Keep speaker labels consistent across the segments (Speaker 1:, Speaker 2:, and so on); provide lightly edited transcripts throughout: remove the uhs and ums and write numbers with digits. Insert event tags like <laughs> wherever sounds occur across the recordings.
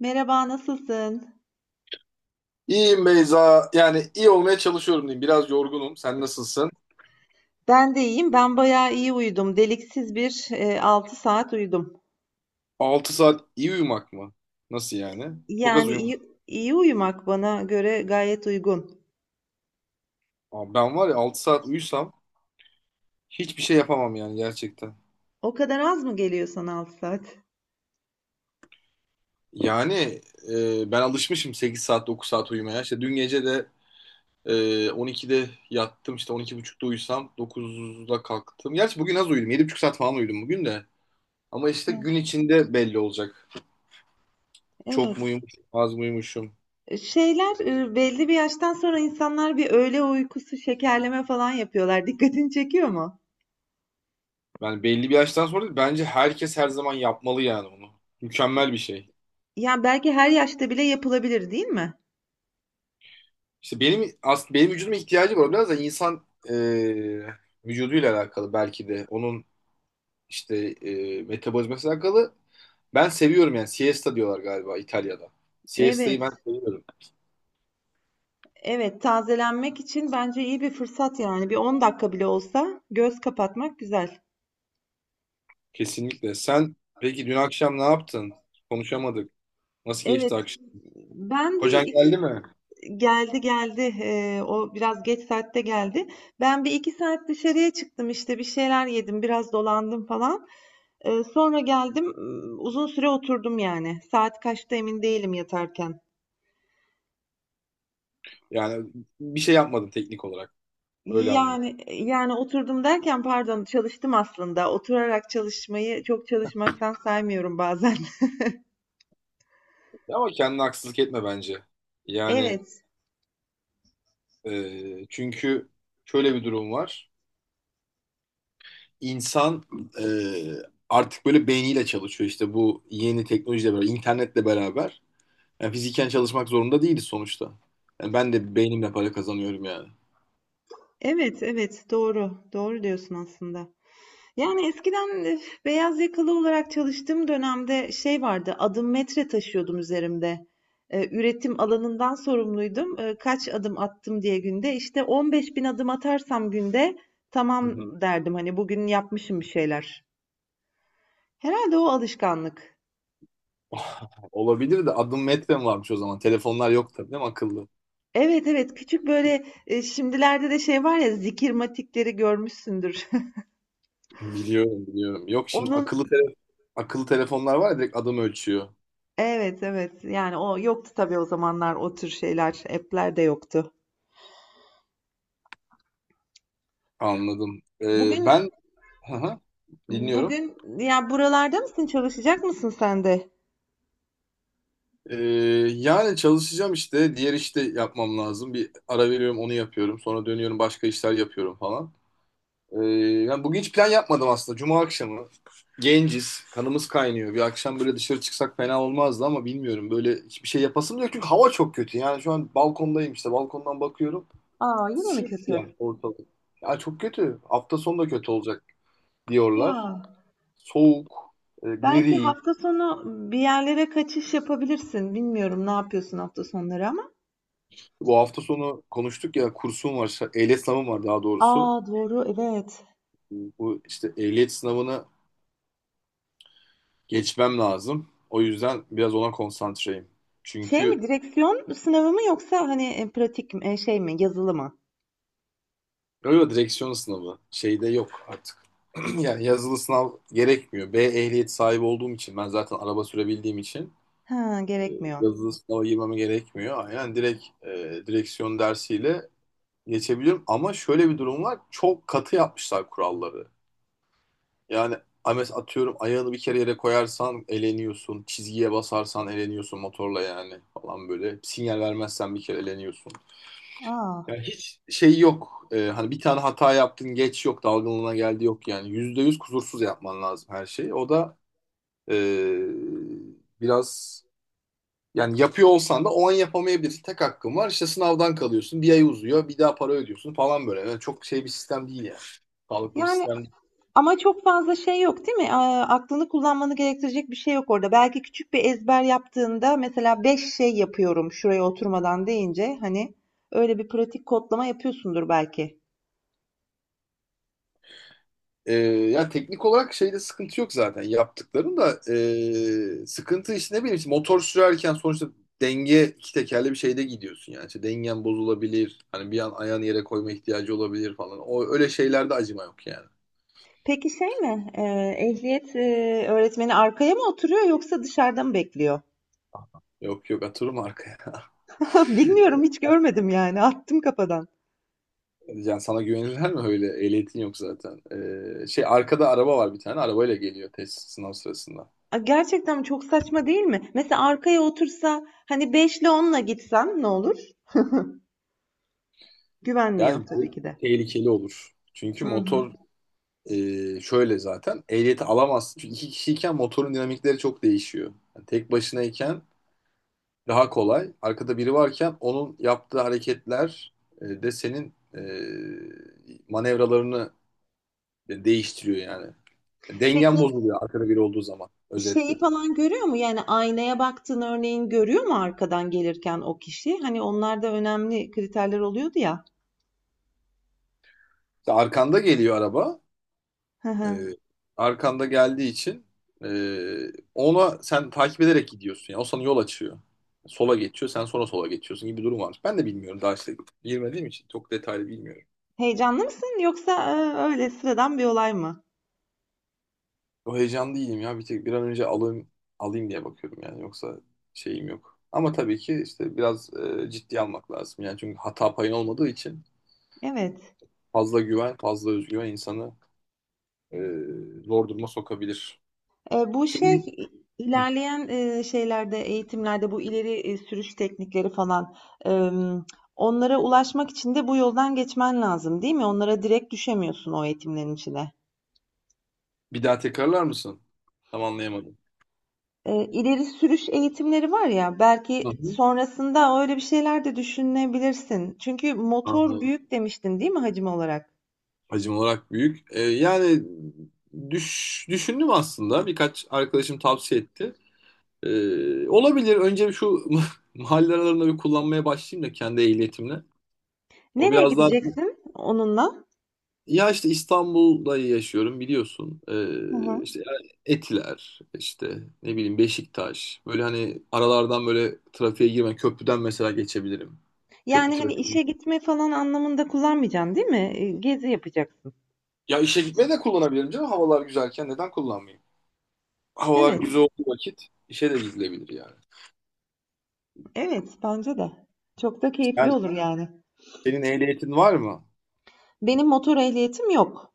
Speaker 1: Merhaba, nasılsın?
Speaker 2: İyiyim Beyza. Yani iyi olmaya çalışıyorum diyeyim. Biraz yorgunum. Sen nasılsın?
Speaker 1: Ben de iyiyim. Ben bayağı iyi uyudum. Deliksiz bir 6 saat uyudum.
Speaker 2: 6 saat iyi uyumak mı? Nasıl yani? Çok az
Speaker 1: Yani
Speaker 2: uyumuşum.
Speaker 1: iyi uyumak bana göre gayet uygun.
Speaker 2: Abi ben var ya 6 saat uyusam hiçbir şey yapamam yani gerçekten.
Speaker 1: O kadar az mı geliyor sana 6 saat?
Speaker 2: Yani ben alışmışım 8 saat 9 saat uyumaya. İşte dün gece de e, 12'de yattım, işte 12.30'da uyusam 9'da kalktım. Gerçi bugün az uyudum. 7,5 saat falan uyudum bugün de. Ama işte gün içinde belli olacak. Çok
Speaker 1: Evet.
Speaker 2: mu uyumuşum, az mı uyumuşum?
Speaker 1: Şeyler, belli bir yaştan sonra insanlar bir öğle uykusu şekerleme falan yapıyorlar. Dikkatini çekiyor mu?
Speaker 2: Yani belli bir yaştan sonra bence herkes her zaman yapmalı yani onu. Mükemmel bir şey.
Speaker 1: Yani belki her yaşta bile yapılabilir, değil mi?
Speaker 2: İşte benim aslında benim vücuduma ihtiyacı var. Biraz da insan vücuduyla alakalı belki de. Onun işte metabolizmasıyla alakalı. Ben seviyorum yani. Siesta diyorlar galiba İtalya'da. Siesta'yı ben
Speaker 1: Evet.
Speaker 2: seviyorum.
Speaker 1: Evet, tazelenmek için bence iyi bir fırsat yani. Bir 10 dakika bile olsa göz kapatmak güzel.
Speaker 2: Kesinlikle. Sen peki dün akşam ne yaptın? Konuşamadık. Nasıl
Speaker 1: Evet,
Speaker 2: geçti akşam?
Speaker 1: ben bir
Speaker 2: Kocan
Speaker 1: iki
Speaker 2: geldi mi?
Speaker 1: geldi. O biraz geç saatte geldi. Ben bir iki saat dışarıya çıktım işte bir şeyler yedim biraz dolandım falan. Sonra geldim uzun süre oturdum yani saat kaçta emin değilim yatarken.
Speaker 2: Yani bir şey yapmadın teknik olarak. Öyle anlıyorum.
Speaker 1: Yani oturdum derken pardon çalıştım aslında oturarak çalışmayı çok çalışmaktan saymıyorum bazen. <laughs>
Speaker 2: Ama kendine haksızlık etme bence. Yani,
Speaker 1: Evet
Speaker 2: Çünkü şöyle bir durum var. İnsan e, artık böyle beyniyle çalışıyor, işte bu yeni teknolojiyle beraber, internetle beraber. Yani fiziken çalışmak zorunda değiliz sonuçta. Yani ben de beynimle para kazanıyorum yani.
Speaker 1: evet, doğru doğru diyorsun aslında. Yani eskiden, beyaz yakalı olarak çalıştığım dönemde şey vardı, adım metre taşıyordum üzerimde. E, üretim alanından sorumluydum. E, kaç adım attım diye günde. İşte 15 bin adım atarsam günde
Speaker 2: Hı
Speaker 1: tamam
Speaker 2: hı.
Speaker 1: derdim hani bugün yapmışım bir şeyler. Herhalde o alışkanlık.
Speaker 2: <laughs> Olabilir de, adım metrem varmış o zaman. Telefonlar yok tabii, değil mi, akıllı?
Speaker 1: Evet evet, küçük böyle şimdilerde de şey var ya, zikirmatikleri görmüşsündür.
Speaker 2: Biliyorum, biliyorum. Yok,
Speaker 1: <laughs>
Speaker 2: şimdi
Speaker 1: Onun
Speaker 2: akıllı telefonlar var ya, direkt adım ölçüyor.
Speaker 1: evet evet, yani o yoktu tabii o zamanlar, o tür şeyler app'ler de yoktu.
Speaker 2: Anladım.
Speaker 1: Bugün
Speaker 2: Ben Aha, dinliyorum.
Speaker 1: Bugün ya buralarda mısın? Çalışacak mısın sen de?
Speaker 2: Ee, Yani çalışacağım işte. Diğer işte yapmam lazım. Bir ara veriyorum, onu yapıyorum. Sonra dönüyorum, başka işler yapıyorum falan. Ee, Yani bugün hiç plan yapmadım aslında. Cuma akşamı. Genciz. Kanımız kaynıyor. Bir akşam böyle dışarı çıksak fena olmazdı ama bilmiyorum. Böyle hiçbir şey yapasım da yok. Çünkü hava çok kötü. Yani şu an balkondayım işte. Balkondan bakıyorum.
Speaker 1: Aa, yine mi
Speaker 2: Siyah yani
Speaker 1: kötü?
Speaker 2: ortalık. Ya çok kötü. Hafta sonu da kötü olacak diyorlar.
Speaker 1: Ya
Speaker 2: Soğuk,
Speaker 1: belki
Speaker 2: gri.
Speaker 1: hafta sonu bir yerlere kaçış yapabilirsin. Bilmiyorum ne yapıyorsun hafta sonları ama.
Speaker 2: Bu hafta sonu konuştuk ya, kursum var, ehliyet sınavım var daha doğrusu.
Speaker 1: Aa doğru, evet.
Speaker 2: Bu işte ehliyet sınavını geçmem lazım. O yüzden biraz ona konsantreyim.
Speaker 1: Şey
Speaker 2: Çünkü
Speaker 1: mi, direksiyon sınavı mı, yoksa hani pratik mi, şey mi, yazılı mı?
Speaker 2: öyle direksiyon sınavı şeyde yok artık. <clears throat> Yani yazılı sınav gerekmiyor. B ehliyet sahibi olduğum için, ben zaten araba sürebildiğim için
Speaker 1: Ha,
Speaker 2: e,
Speaker 1: gerekmiyor.
Speaker 2: yazılı sınava girmeme gerekmiyor. Aynen, direkt direksiyon dersiyle geçebiliyorum, ama şöyle bir durum var. Çok katı yapmışlar kuralları. Yani Ames, atıyorum, ayağını bir kere yere koyarsan eleniyorsun. Çizgiye basarsan eleniyorsun motorla yani, falan böyle. Sinyal vermezsen bir kere eleniyorsun.
Speaker 1: Aa,
Speaker 2: Yani hiç şey yok. Hani bir tane hata yaptın, geç yok. Dalgınlığına geldi yok yani. %100 kusursuz yapman lazım her şeyi. O da ee, biraz, yani yapıyor olsan da o an yapamayabilirsin. Tek hakkın var. İşte sınavdan kalıyorsun. Bir ay uzuyor. Bir daha para ödüyorsun falan böyle. Yani çok şey bir sistem değil yani. Sağlıklı bir
Speaker 1: yani
Speaker 2: sistem.
Speaker 1: ama çok fazla şey yok değil mi? Aklını kullanmanı gerektirecek bir şey yok orada. Belki küçük bir ezber yaptığında, mesela 5 şey yapıyorum şuraya oturmadan deyince, hani öyle bir pratik kodlama yapıyorsundur belki.
Speaker 2: Yani teknik olarak şeyde sıkıntı yok zaten, yaptıkların da sıkıntı işte. Ne bileyim, işte motor sürerken sonuçta denge, iki tekerli bir şeyde gidiyorsun yani, işte dengen bozulabilir, hani bir an ayağını yere koyma ihtiyacı olabilir falan. O öyle şeylerde acıma yok yani.
Speaker 1: Peki şey mi? Ehliyet öğretmeni arkaya mı oturuyor yoksa dışarıda mı bekliyor?
Speaker 2: Yok, yok, atırım arkaya.
Speaker 1: <laughs> Bilmiyorum, hiç görmedim, yani attım kafadan.
Speaker 2: <laughs> Yani sana güvenirler mi, öyle ehliyetin yok zaten. Şey, arkada araba var, bir tane arabayla geliyor test sınav sırasında.
Speaker 1: A, gerçekten çok saçma değil mi? Mesela arkaya otursa hani 5 ile 10'la gitsen ne olur? Güvenmiyor
Speaker 2: Yani
Speaker 1: tabii
Speaker 2: bu
Speaker 1: ki de.
Speaker 2: tehlikeli olur. Çünkü
Speaker 1: Hı hı.
Speaker 2: motor şöyle, zaten ehliyeti alamaz. Çünkü iki kişiyken motorun dinamikleri çok değişiyor. Yani tek başınayken daha kolay. Arkada biri varken onun yaptığı hareketler de senin manevralarını değiştiriyor yani.
Speaker 1: Peki
Speaker 2: Dengen bozuluyor arkada biri olduğu zaman, özetle.
Speaker 1: şeyi falan görüyor mu? Yani aynaya baktığın örneğin, görüyor mu arkadan gelirken o kişi? Hani onlar da önemli kriterler oluyordu ya.
Speaker 2: İşte arkanda geliyor araba.
Speaker 1: Hı hı.
Speaker 2: Ee, Arkanda geldiği için e, ona sen takip ederek gidiyorsun. Yani o sana yol açıyor. Sola geçiyor, sen sonra sola geçiyorsun gibi bir durum varmış. Ben de bilmiyorum daha, işte girmediğim için çok detaylı bilmiyorum.
Speaker 1: Heyecanlı mısın yoksa öyle sıradan bir olay mı?
Speaker 2: O heyecanlı değilim ya. Bir tek bir an önce alayım diye bakıyorum yani, yoksa şeyim yok. Ama tabii ki işte biraz ciddi almak lazım. Yani çünkü hata payın olmadığı için
Speaker 1: Evet.
Speaker 2: fazla güven, fazla özgüven insanı e, zor duruma sokabilir.
Speaker 1: Bu
Speaker 2: Senin
Speaker 1: şey,
Speaker 2: Hı.
Speaker 1: ilerleyen şeylerde, eğitimlerde, bu ileri sürüş teknikleri falan, e, onlara ulaşmak için de bu yoldan geçmen lazım, değil mi? Onlara direkt düşemiyorsun o eğitimlerin içine.
Speaker 2: Bir daha tekrarlar mısın? Tam anlayamadım.
Speaker 1: İleri sürüş eğitimleri var ya,
Speaker 2: Hı
Speaker 1: belki
Speaker 2: hı.
Speaker 1: sonrasında öyle bir şeyler de düşünebilirsin. Çünkü motor
Speaker 2: Anladım.
Speaker 1: büyük demiştin, değil mi, hacim olarak?
Speaker 2: Hacim olarak büyük. Yani düşündüm aslında. Birkaç arkadaşım tavsiye etti. Olabilir. Önce bir şu <laughs> mahalle aralarında bir kullanmaya başlayayım da kendi ehliyetimle. O
Speaker 1: Nereye
Speaker 2: biraz daha,
Speaker 1: gideceksin onunla?
Speaker 2: ya işte İstanbul'da yaşıyorum biliyorsun.
Speaker 1: Hı hı.
Speaker 2: İşte yani Etiler, işte ne bileyim Beşiktaş. Böyle, hani aralardan böyle trafiğe girme. Köprüden mesela geçebilirim. Köprü
Speaker 1: Yani hani
Speaker 2: trafiği.
Speaker 1: işe gitme falan anlamında kullanmayacaksın, değil mi? Gezi yapacaksın.
Speaker 2: Ya işe gitmeye de kullanabilirim canım. Havalar güzelken neden kullanmayayım? Havalar
Speaker 1: Evet,
Speaker 2: güzel olduğu vakit işe de gidilebilir yani.
Speaker 1: evet bence de. Çok da keyifli
Speaker 2: Yani
Speaker 1: olur yani.
Speaker 2: senin ehliyetin var mı?
Speaker 1: Benim motor ehliyetim yok.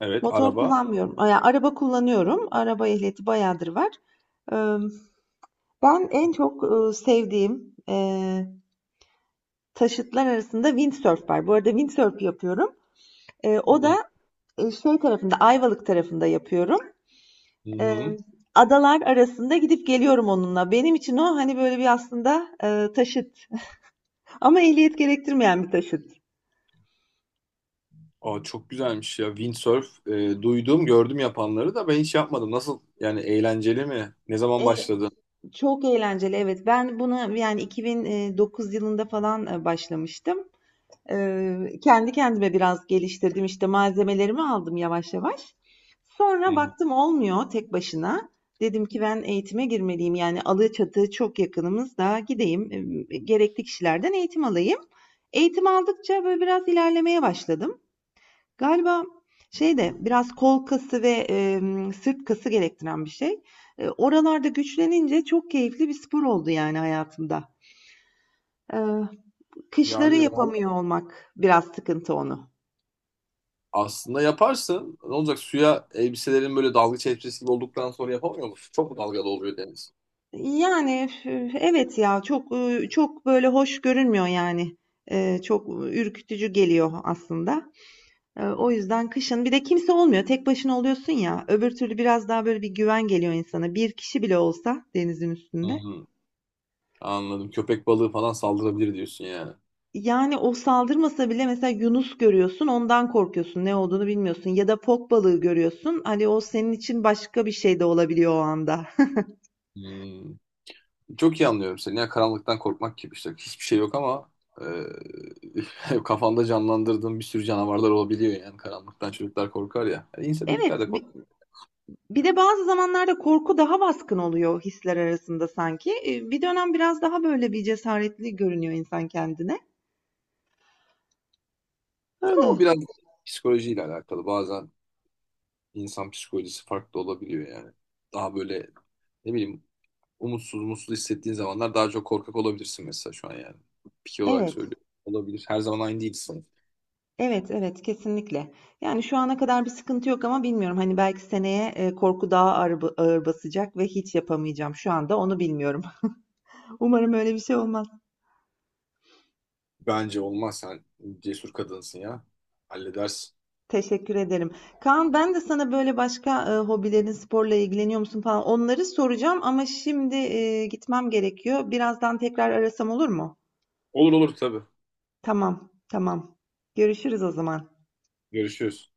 Speaker 2: Evet,
Speaker 1: Motor
Speaker 2: araba.
Speaker 1: kullanmıyorum. Yani araba kullanıyorum. Araba ehliyeti bayağıdır var. Eee, Ben en çok sevdiğim taşıtlar arasında windsurf var. Bu arada windsurf yapıyorum.
Speaker 2: Hı
Speaker 1: O da
Speaker 2: hı.
Speaker 1: şey tarafında, Ayvalık tarafında yapıyorum. Eee,
Speaker 2: Hı.
Speaker 1: Adalar arasında gidip geliyorum onunla. Benim için o hani böyle bir aslında taşıt. <laughs> Ama ehliyet gerektirmeyen bir taşıt.
Speaker 2: Aa, çok güzelmiş ya. Windsurf, duydum, gördüm yapanları da, ben hiç yapmadım. Nasıl? Yani eğlenceli mi? Ne zaman
Speaker 1: Eee,
Speaker 2: başladı?
Speaker 1: Çok eğlenceli, evet. Ben bunu yani 2009 yılında falan başlamıştım. Kendi kendime biraz geliştirdim. İşte malzemelerimi aldım yavaş yavaş.
Speaker 2: Hı
Speaker 1: Sonra
Speaker 2: hı.
Speaker 1: baktım olmuyor tek başına. Dedim ki ben eğitime girmeliyim. Yani Alaçatı çok yakınımızda, gideyim. Gerekli kişilerden eğitim alayım. Eğitim aldıkça böyle biraz ilerlemeye başladım. Galiba şey de biraz kol kası ve sırt kası gerektiren bir şey. E, oralarda güçlenince çok keyifli bir spor oldu yani hayatımda. E, kışları
Speaker 2: Yani
Speaker 1: yapamıyor
Speaker 2: vallahi
Speaker 1: olmak biraz sıkıntı onu.
Speaker 2: aslında yaparsın. Ne olacak? Suya, elbiselerin böyle dalgıç elbisesi gibi olduktan sonra yapamıyor musun? Çok mu dalgalı oluyor deniz?
Speaker 1: Yani, üf, evet ya, çok, çok böyle hoş görünmüyor yani. Çok ürkütücü geliyor aslında. O yüzden kışın bir de kimse olmuyor, tek başına oluyorsun ya, öbür türlü biraz daha böyle bir güven geliyor insana, bir kişi bile olsa denizin
Speaker 2: Hı
Speaker 1: üstünde.
Speaker 2: hı. Anladım. Köpek balığı falan saldırabilir diyorsun yani.
Speaker 1: Yani, o saldırmasa bile mesela yunus görüyorsun, ondan korkuyorsun, ne olduğunu bilmiyorsun, ya da fok balığı görüyorsun, hani, o senin için başka bir şey de olabiliyor o anda. <laughs>
Speaker 2: Hı. Çok iyi anlıyorum seni. Ya karanlıktan korkmak gibi işte. Hiçbir şey yok, ama <laughs> kafanda canlandırdığın bir sürü canavarlar olabiliyor yani. Karanlıktan çocuklar korkar ya. Yani insan, büyükler
Speaker 1: Evet,
Speaker 2: de korkar,
Speaker 1: bir de bazı zamanlarda korku daha baskın oluyor hisler arasında sanki. Bir dönem biraz daha böyle bir cesaretli görünüyor insan kendine. Öyle.
Speaker 2: ama biraz psikolojiyle alakalı. Bazen insan psikolojisi farklı olabiliyor yani. Daha böyle, ne bileyim, umutsuz, mutsuz hissettiğin zamanlar daha çok korkak olabilirsin mesela şu an yani. Piki olarak
Speaker 1: Evet.
Speaker 2: söylüyorum. Olabilir. Her zaman aynı değilsin.
Speaker 1: Evet, evet kesinlikle. Yani şu ana kadar bir sıkıntı yok ama bilmiyorum. Hani belki seneye, korku daha ağır basacak ve hiç yapamayacağım. Şu anda onu bilmiyorum. <laughs> Umarım öyle bir şey olmaz.
Speaker 2: Bence olmaz. Sen cesur kadınsın ya. Halledersin.
Speaker 1: Teşekkür ederim. Kaan, ben de sana böyle başka hobilerin, sporla ilgileniyor musun falan, onları soracağım ama şimdi gitmem gerekiyor. Birazdan tekrar arasam olur mu?
Speaker 2: Olur, olur tabii.
Speaker 1: Tamam, tamam. Görüşürüz o zaman.
Speaker 2: Görüşürüz.